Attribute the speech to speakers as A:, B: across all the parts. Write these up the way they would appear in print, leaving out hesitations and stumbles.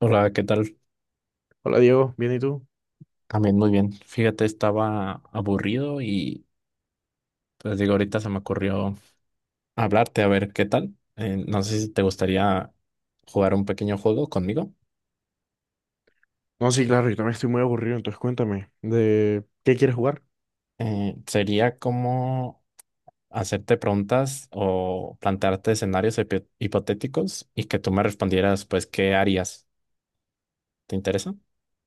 A: Hola, ¿qué tal?
B: Hola Diego, ¿bien y tú?
A: También muy bien. Fíjate, estaba aburrido y pues digo, ahorita se me ocurrió hablarte a ver qué tal. No sé si te gustaría jugar un pequeño juego conmigo.
B: No, sí, claro, yo también estoy muy aburrido, entonces cuéntame, ¿de qué quieres jugar?
A: Sería como hacerte preguntas o plantearte escenarios hipotéticos y que tú me respondieras, pues, ¿qué harías? ¿Te interesa?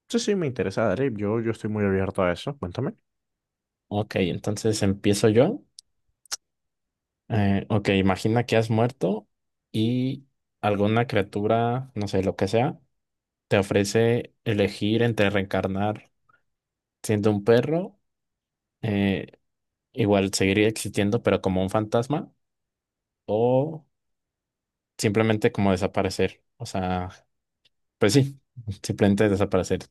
B: Sí, sí, me interesa, dale, yo estoy muy abierto a eso, cuéntame.
A: Ok, entonces empiezo yo. Ok, imagina que has muerto y alguna criatura, no sé, lo que sea te ofrece elegir entre reencarnar siendo un perro, eh, igual seguir existiendo, pero como un fantasma, o simplemente como desaparecer. O sea, pues sí, simplemente desaparecer.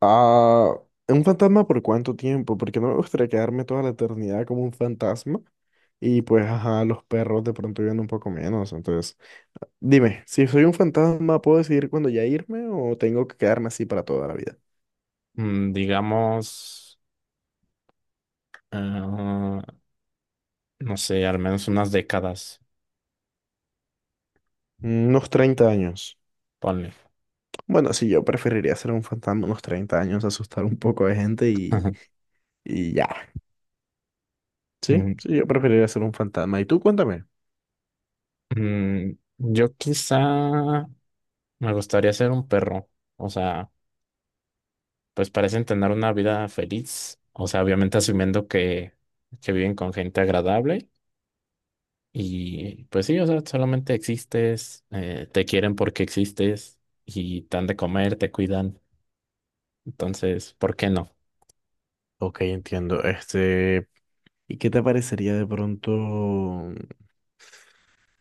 B: Ah, ¿un fantasma por cuánto tiempo? Porque no me gustaría quedarme toda la eternidad como un fantasma y pues, ajá, los perros de pronto viven un poco menos, entonces, dime, si soy un fantasma, ¿puedo decidir cuándo ya irme o tengo que quedarme así para toda la vida?
A: Digamos, ah, no sé, al menos unas décadas,
B: Unos 30 años.
A: ponle.
B: Bueno, sí, yo preferiría ser un fantasma unos 30 años, asustar un poco de gente
A: Ajá.
B: y ya. Sí,
A: Mm,
B: sí, yo preferiría ser un fantasma. ¿Y tú? Cuéntame.
A: yo quizá me gustaría ser un perro, o sea, pues parecen tener una vida feliz, o sea, obviamente asumiendo que viven con gente agradable y pues sí, o sea, solamente existes, te quieren porque existes y te dan de comer, te cuidan, entonces, ¿por qué no?
B: Ok, entiendo. Este, ¿y qué te parecería de pronto?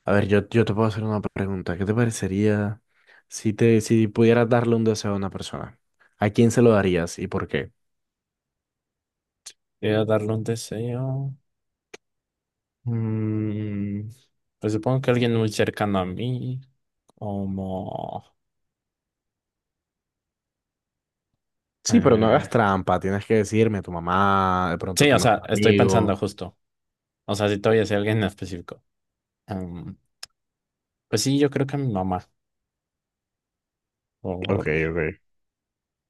B: A ver, yo te puedo hacer una pregunta. ¿Qué te parecería si pudieras darle un deseo a una persona? ¿A quién se lo darías y por qué?
A: Voy a darle un deseo. Mm, pues supongo que alguien muy cercano a mí, como...
B: Sí, pero no hagas
A: eh,
B: trampa. Tienes que decirme a tu mamá, de pronto a
A: sí,
B: tu
A: o sea,
B: mejor
A: estoy pensando
B: amigo.
A: justo, o sea, si todavía es alguien en específico. Em, pues sí, yo creo que a mi mamá.
B: Ok, ok.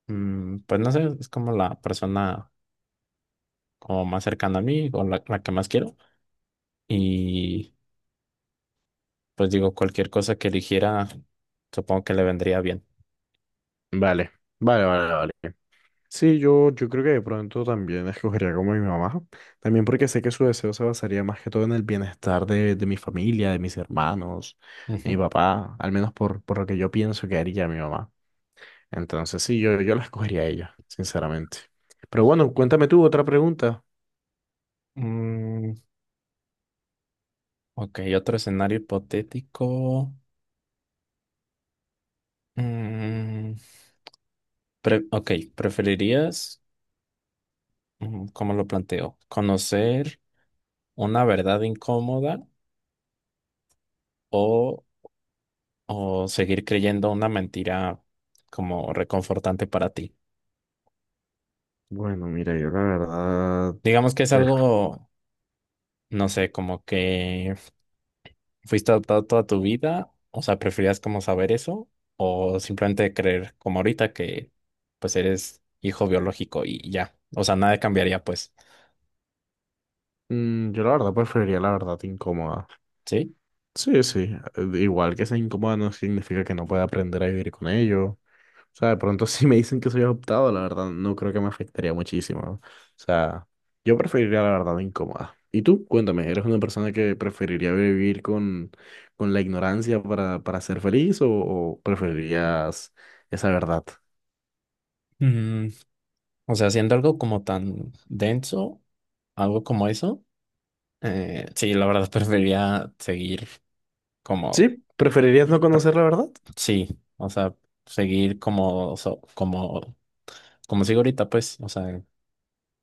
A: Pues no sé, es como la persona como más cercana a mí o la que más quiero. Y pues digo, cualquier cosa que eligiera, supongo que le vendría bien.
B: Vale, vale, vale, vale. Sí, yo creo que de pronto también escogería como mi mamá, también porque sé que su deseo se basaría más que todo en el bienestar de mi familia, de mis hermanos, de mi
A: Ujú.
B: papá, al menos por lo que yo pienso que haría mi mamá. Entonces sí, yo la escogería a ella, sinceramente. Pero bueno, cuéntame tú otra pregunta.
A: Mm, ok, otro escenario hipotético. Mm, ok, ¿preferirías, cómo lo planteo, conocer una verdad incómoda o, o seguir creyendo una mentira como reconfortante para ti?
B: Bueno, mira,
A: Digamos que es
B: pues,
A: algo, no sé, como que fuiste adoptado toda tu vida, o sea, preferías como saber eso o simplemente creer como ahorita que pues eres hijo biológico y ya, o sea, nada cambiaría pues,
B: yo la verdad preferiría la verdad incómoda.
A: ¿sí?
B: Sí, sí. Igual que sea incómoda no significa que no pueda aprender a vivir con ello. O sea, de pronto si me dicen que soy adoptado, la verdad no creo que me afectaría muchísimo. O sea, yo preferiría la verdad incómoda. Y tú, cuéntame, ¿eres una persona que preferiría vivir con la ignorancia para ser feliz o preferirías esa verdad?
A: Mm, o sea, haciendo algo como tan denso, algo como eso, sí, la verdad preferiría seguir como,
B: Sí, ¿preferirías no conocer la verdad?
A: sí, o sea, seguir como, como, como sigo ahorita pues, o sea,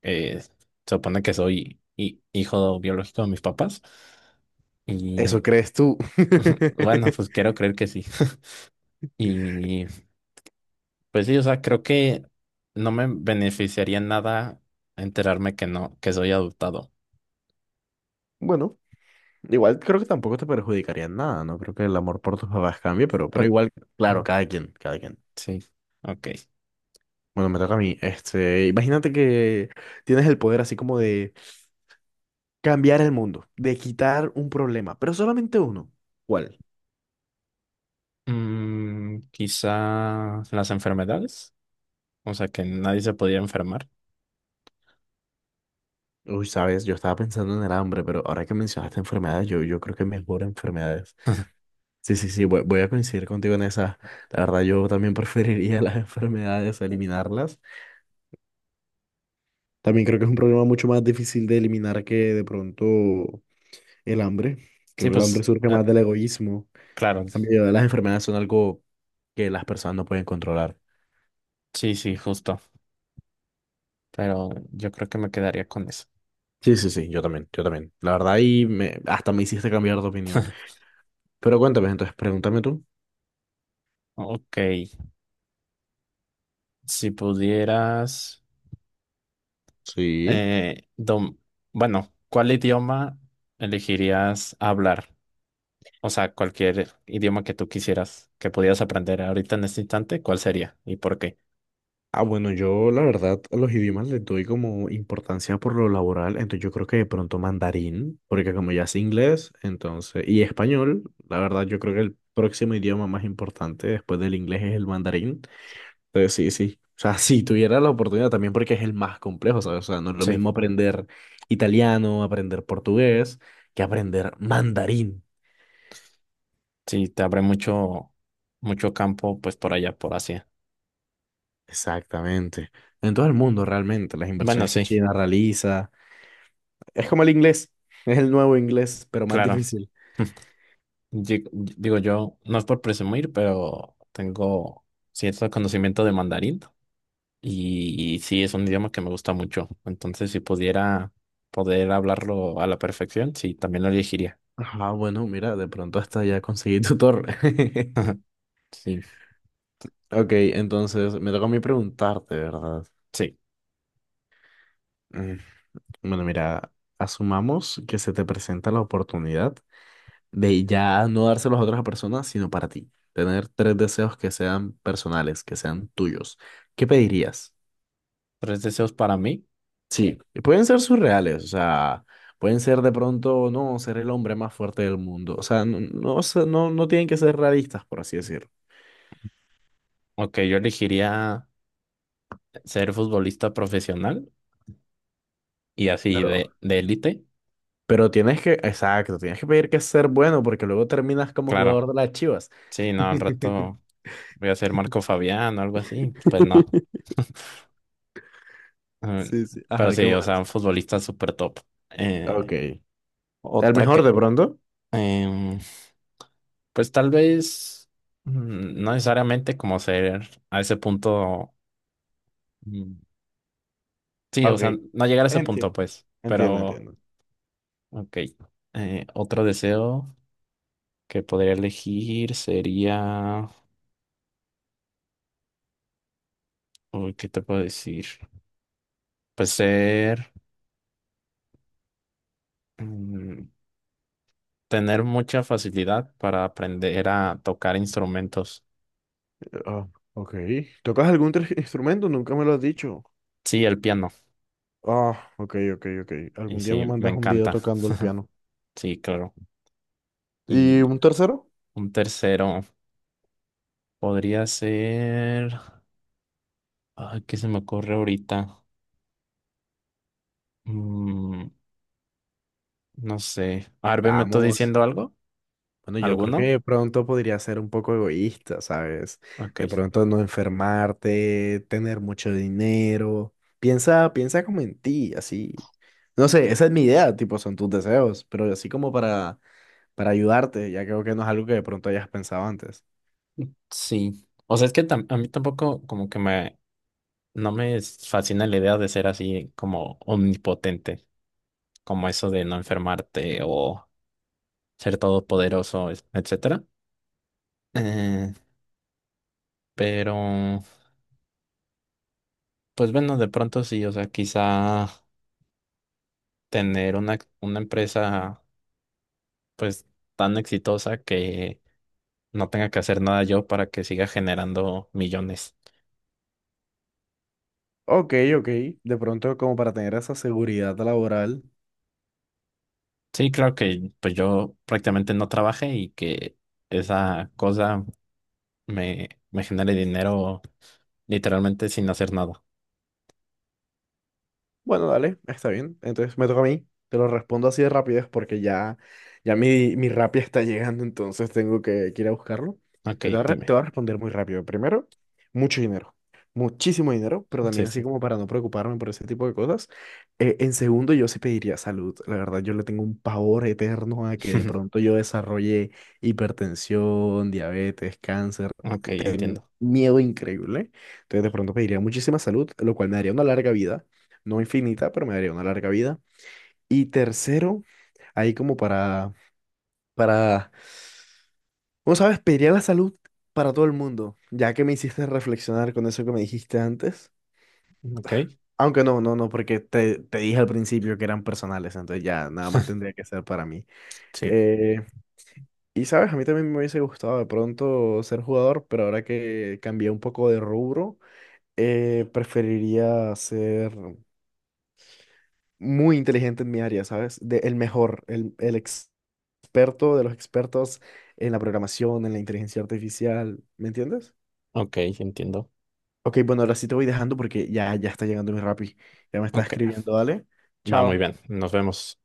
A: se supone que soy hijo biológico de mis papás.
B: Eso
A: Y
B: crees tú.
A: bueno, pues quiero creer que sí. Y pues sí, o sea, creo que no me beneficiaría en nada enterarme que no, que soy adoptado.
B: Bueno. Igual creo que tampoco te perjudicaría en nada, no creo que el amor por tus papás cambie, pero
A: Pues
B: igual,
A: mm,
B: claro, cada quien, cada quien.
A: sí, ok.
B: Bueno, me toca a mí. Este, imagínate que tienes el poder así como de cambiar el mundo, de quitar un problema, pero solamente uno. ¿Cuál?
A: Quizá las enfermedades, o sea, que nadie se podía enfermar.
B: Uy, sabes, yo estaba pensando en el hambre, pero ahora que mencionaste enfermedades, yo creo que mejor enfermedades. Sí, sí, sí, voy a coincidir contigo en esa. La verdad, yo también preferiría las enfermedades, eliminarlas. También creo que es un problema mucho más difícil de eliminar que de pronto el hambre.
A: Sí,
B: Creo que el hambre
A: pues
B: surge más del egoísmo.
A: claro,
B: En cambio, las enfermedades son algo que las personas no pueden controlar.
A: sí, sí, justo. Pero yo creo que me quedaría con eso.
B: Sí, sí, sí, yo también, yo también. La verdad, ahí me, hasta me hiciste cambiar de opinión. Pero cuéntame, entonces, pregúntame tú.
A: Ok, si pudieras,
B: Sí.
A: eh, dom- bueno, ¿cuál idioma elegirías hablar? O sea, cualquier idioma que tú quisieras, que pudieras aprender ahorita en este instante, ¿cuál sería y por qué?
B: Ah, bueno, yo la verdad a los idiomas les doy como importancia por lo laboral, entonces yo creo que de pronto mandarín, porque como ya es inglés, entonces, y español, la verdad yo creo que el próximo idioma más importante después del inglés es el mandarín. Entonces, sí, sí. O sea, si tuviera la oportunidad también porque es el más complejo, ¿sabes? O sea, no es lo
A: Sí,
B: mismo aprender italiano, aprender portugués, que aprender mandarín.
A: sí, te abre mucho, mucho campo, pues por allá, por Asia.
B: Exactamente. En todo el mundo, realmente, las
A: Bueno,
B: inversiones que
A: sí,
B: China realiza. Es como el inglés, es el nuevo inglés, pero más
A: claro.
B: difícil.
A: Digo, yo, no es por presumir, pero tengo cierto conocimiento de mandarín. Y sí, es un idioma que me gusta mucho. Entonces, si pudiera poder hablarlo a la perfección, sí, también lo elegiría.
B: Ah, bueno, mira, de pronto hasta ya conseguí tutor.
A: Sí,
B: Ok, entonces me toca a mí preguntarte, ¿verdad?
A: sí.
B: Mm, Bueno, mira, asumamos que se te presenta la oportunidad. Ve, y ya no dárselos a otras personas, sino para ti. Tener tres deseos que sean personales, que sean tuyos. ¿Qué pedirías?
A: Tres deseos para mí.
B: Sí, y pueden ser surreales, o sea, pueden ser de pronto, no, ser el hombre más fuerte del mundo. O sea, no, no, sé, no, no tienen que ser realistas, por así decirlo.
A: Ok, yo elegiría ser futbolista profesional y así
B: Pero,
A: de élite.
B: pero tienes que, exacto, tienes que pedir que ser bueno, porque luego terminas como
A: Claro,
B: jugador de las Chivas.
A: sí, no, al rato voy a ser Marco Fabián o algo así. Pues no. Mm,
B: Sí, sí.
A: Pero
B: Ajá, qué
A: sí, o sea,
B: más.
A: un futbolista súper top. Eh,
B: Ok. El
A: otra
B: mejor
A: que
B: de pronto.
A: Em, pues tal vez, no necesariamente como ser a ese punto. mm, Sí, o
B: Ok.
A: sea, no llegar a ese punto,
B: Entiendo.
A: pues.
B: Entiendo,
A: Pero,
B: entiendo.
A: ok. Otro deseo que podría elegir sería. Uy, ¿qué te puedo decir? Pues ser, mm, tener mucha facilidad para aprender a tocar instrumentos.
B: Ah, ok. ¿Tocas algún instrumento? Nunca me lo has dicho.
A: Sí, el piano.
B: Ah, ok, ok, ok.
A: Y
B: Algún día
A: sí,
B: me
A: me
B: mandas un video
A: encanta.
B: tocando el piano.
A: Sí, claro.
B: ¿Y
A: Y
B: un tercero?
A: un tercero. Podría ser... Ay, ¿qué se me ocurre ahorita? Mm, no sé. Arbe, ¿me estoy
B: Vamos.
A: diciendo algo?
B: Bueno, yo creo que
A: ¿Alguno?
B: de pronto podría ser un poco egoísta, ¿sabes? De
A: Ok.
B: pronto no enfermarte, tener mucho dinero. Piensa, piensa como en ti, así. No sé, esa es mi idea, tipo, son tus deseos, pero así como para ayudarte, ya creo que no es algo que de pronto hayas pensado antes.
A: Sí. O sea, es que a mí tampoco como que me... No me fascina la idea de ser así como omnipotente, como eso de no enfermarte o ser todopoderoso, etcétera. Eh, pero, pues bueno, de pronto sí, o sea, quizá tener una empresa pues tan exitosa que no tenga que hacer nada yo para que siga generando millones.
B: Ok, ok. De pronto, como para tener esa seguridad laboral.
A: Sí, claro que pues yo prácticamente no trabaje y que esa cosa me genere dinero literalmente sin hacer nada.
B: Bueno, dale, está bien. Entonces me toca a mí. Te lo respondo así de rapidez porque ya, ya mi Rappi está llegando, entonces tengo que ir a buscarlo.
A: Ok,
B: Pero te voy a,
A: dime.
B: te voy a responder muy rápido. Primero, mucho dinero. Muchísimo dinero, pero
A: Sí,
B: también así
A: sí.
B: como para no preocuparme por ese tipo de cosas. En segundo, yo sí pediría salud. La verdad, yo le tengo un pavor eterno a que de pronto yo desarrolle hipertensión, diabetes, cáncer.
A: Ok, entiendo.
B: Miedo increíble. Entonces de pronto pediría muchísima salud, lo cual me daría una larga vida. No infinita, pero me daría una larga vida. Y tercero, ahí como para, ¿cómo sabes? Pediría la salud para todo el mundo, ya que me hiciste reflexionar con eso que me dijiste antes.
A: Ok,
B: Aunque no, no, no, porque te dije al principio que eran personales, entonces ya nada más tendría que ser para mí.
A: sí.
B: Eh, y sabes, a mí también me hubiese gustado de pronto ser jugador, pero ahora que cambié un poco de rubro, preferiría ser muy inteligente en mi área, ¿sabes? El mejor, el, el experto de los expertos en la programación, en la inteligencia artificial, ¿me entiendes?
A: Ok, entiendo.
B: Ok, bueno, ahora sí te voy dejando porque ya, ya está llegando mi Rappi. Ya me está
A: Ok,
B: escribiendo, dale.
A: va muy
B: Chao.
A: bien. Nos vemos.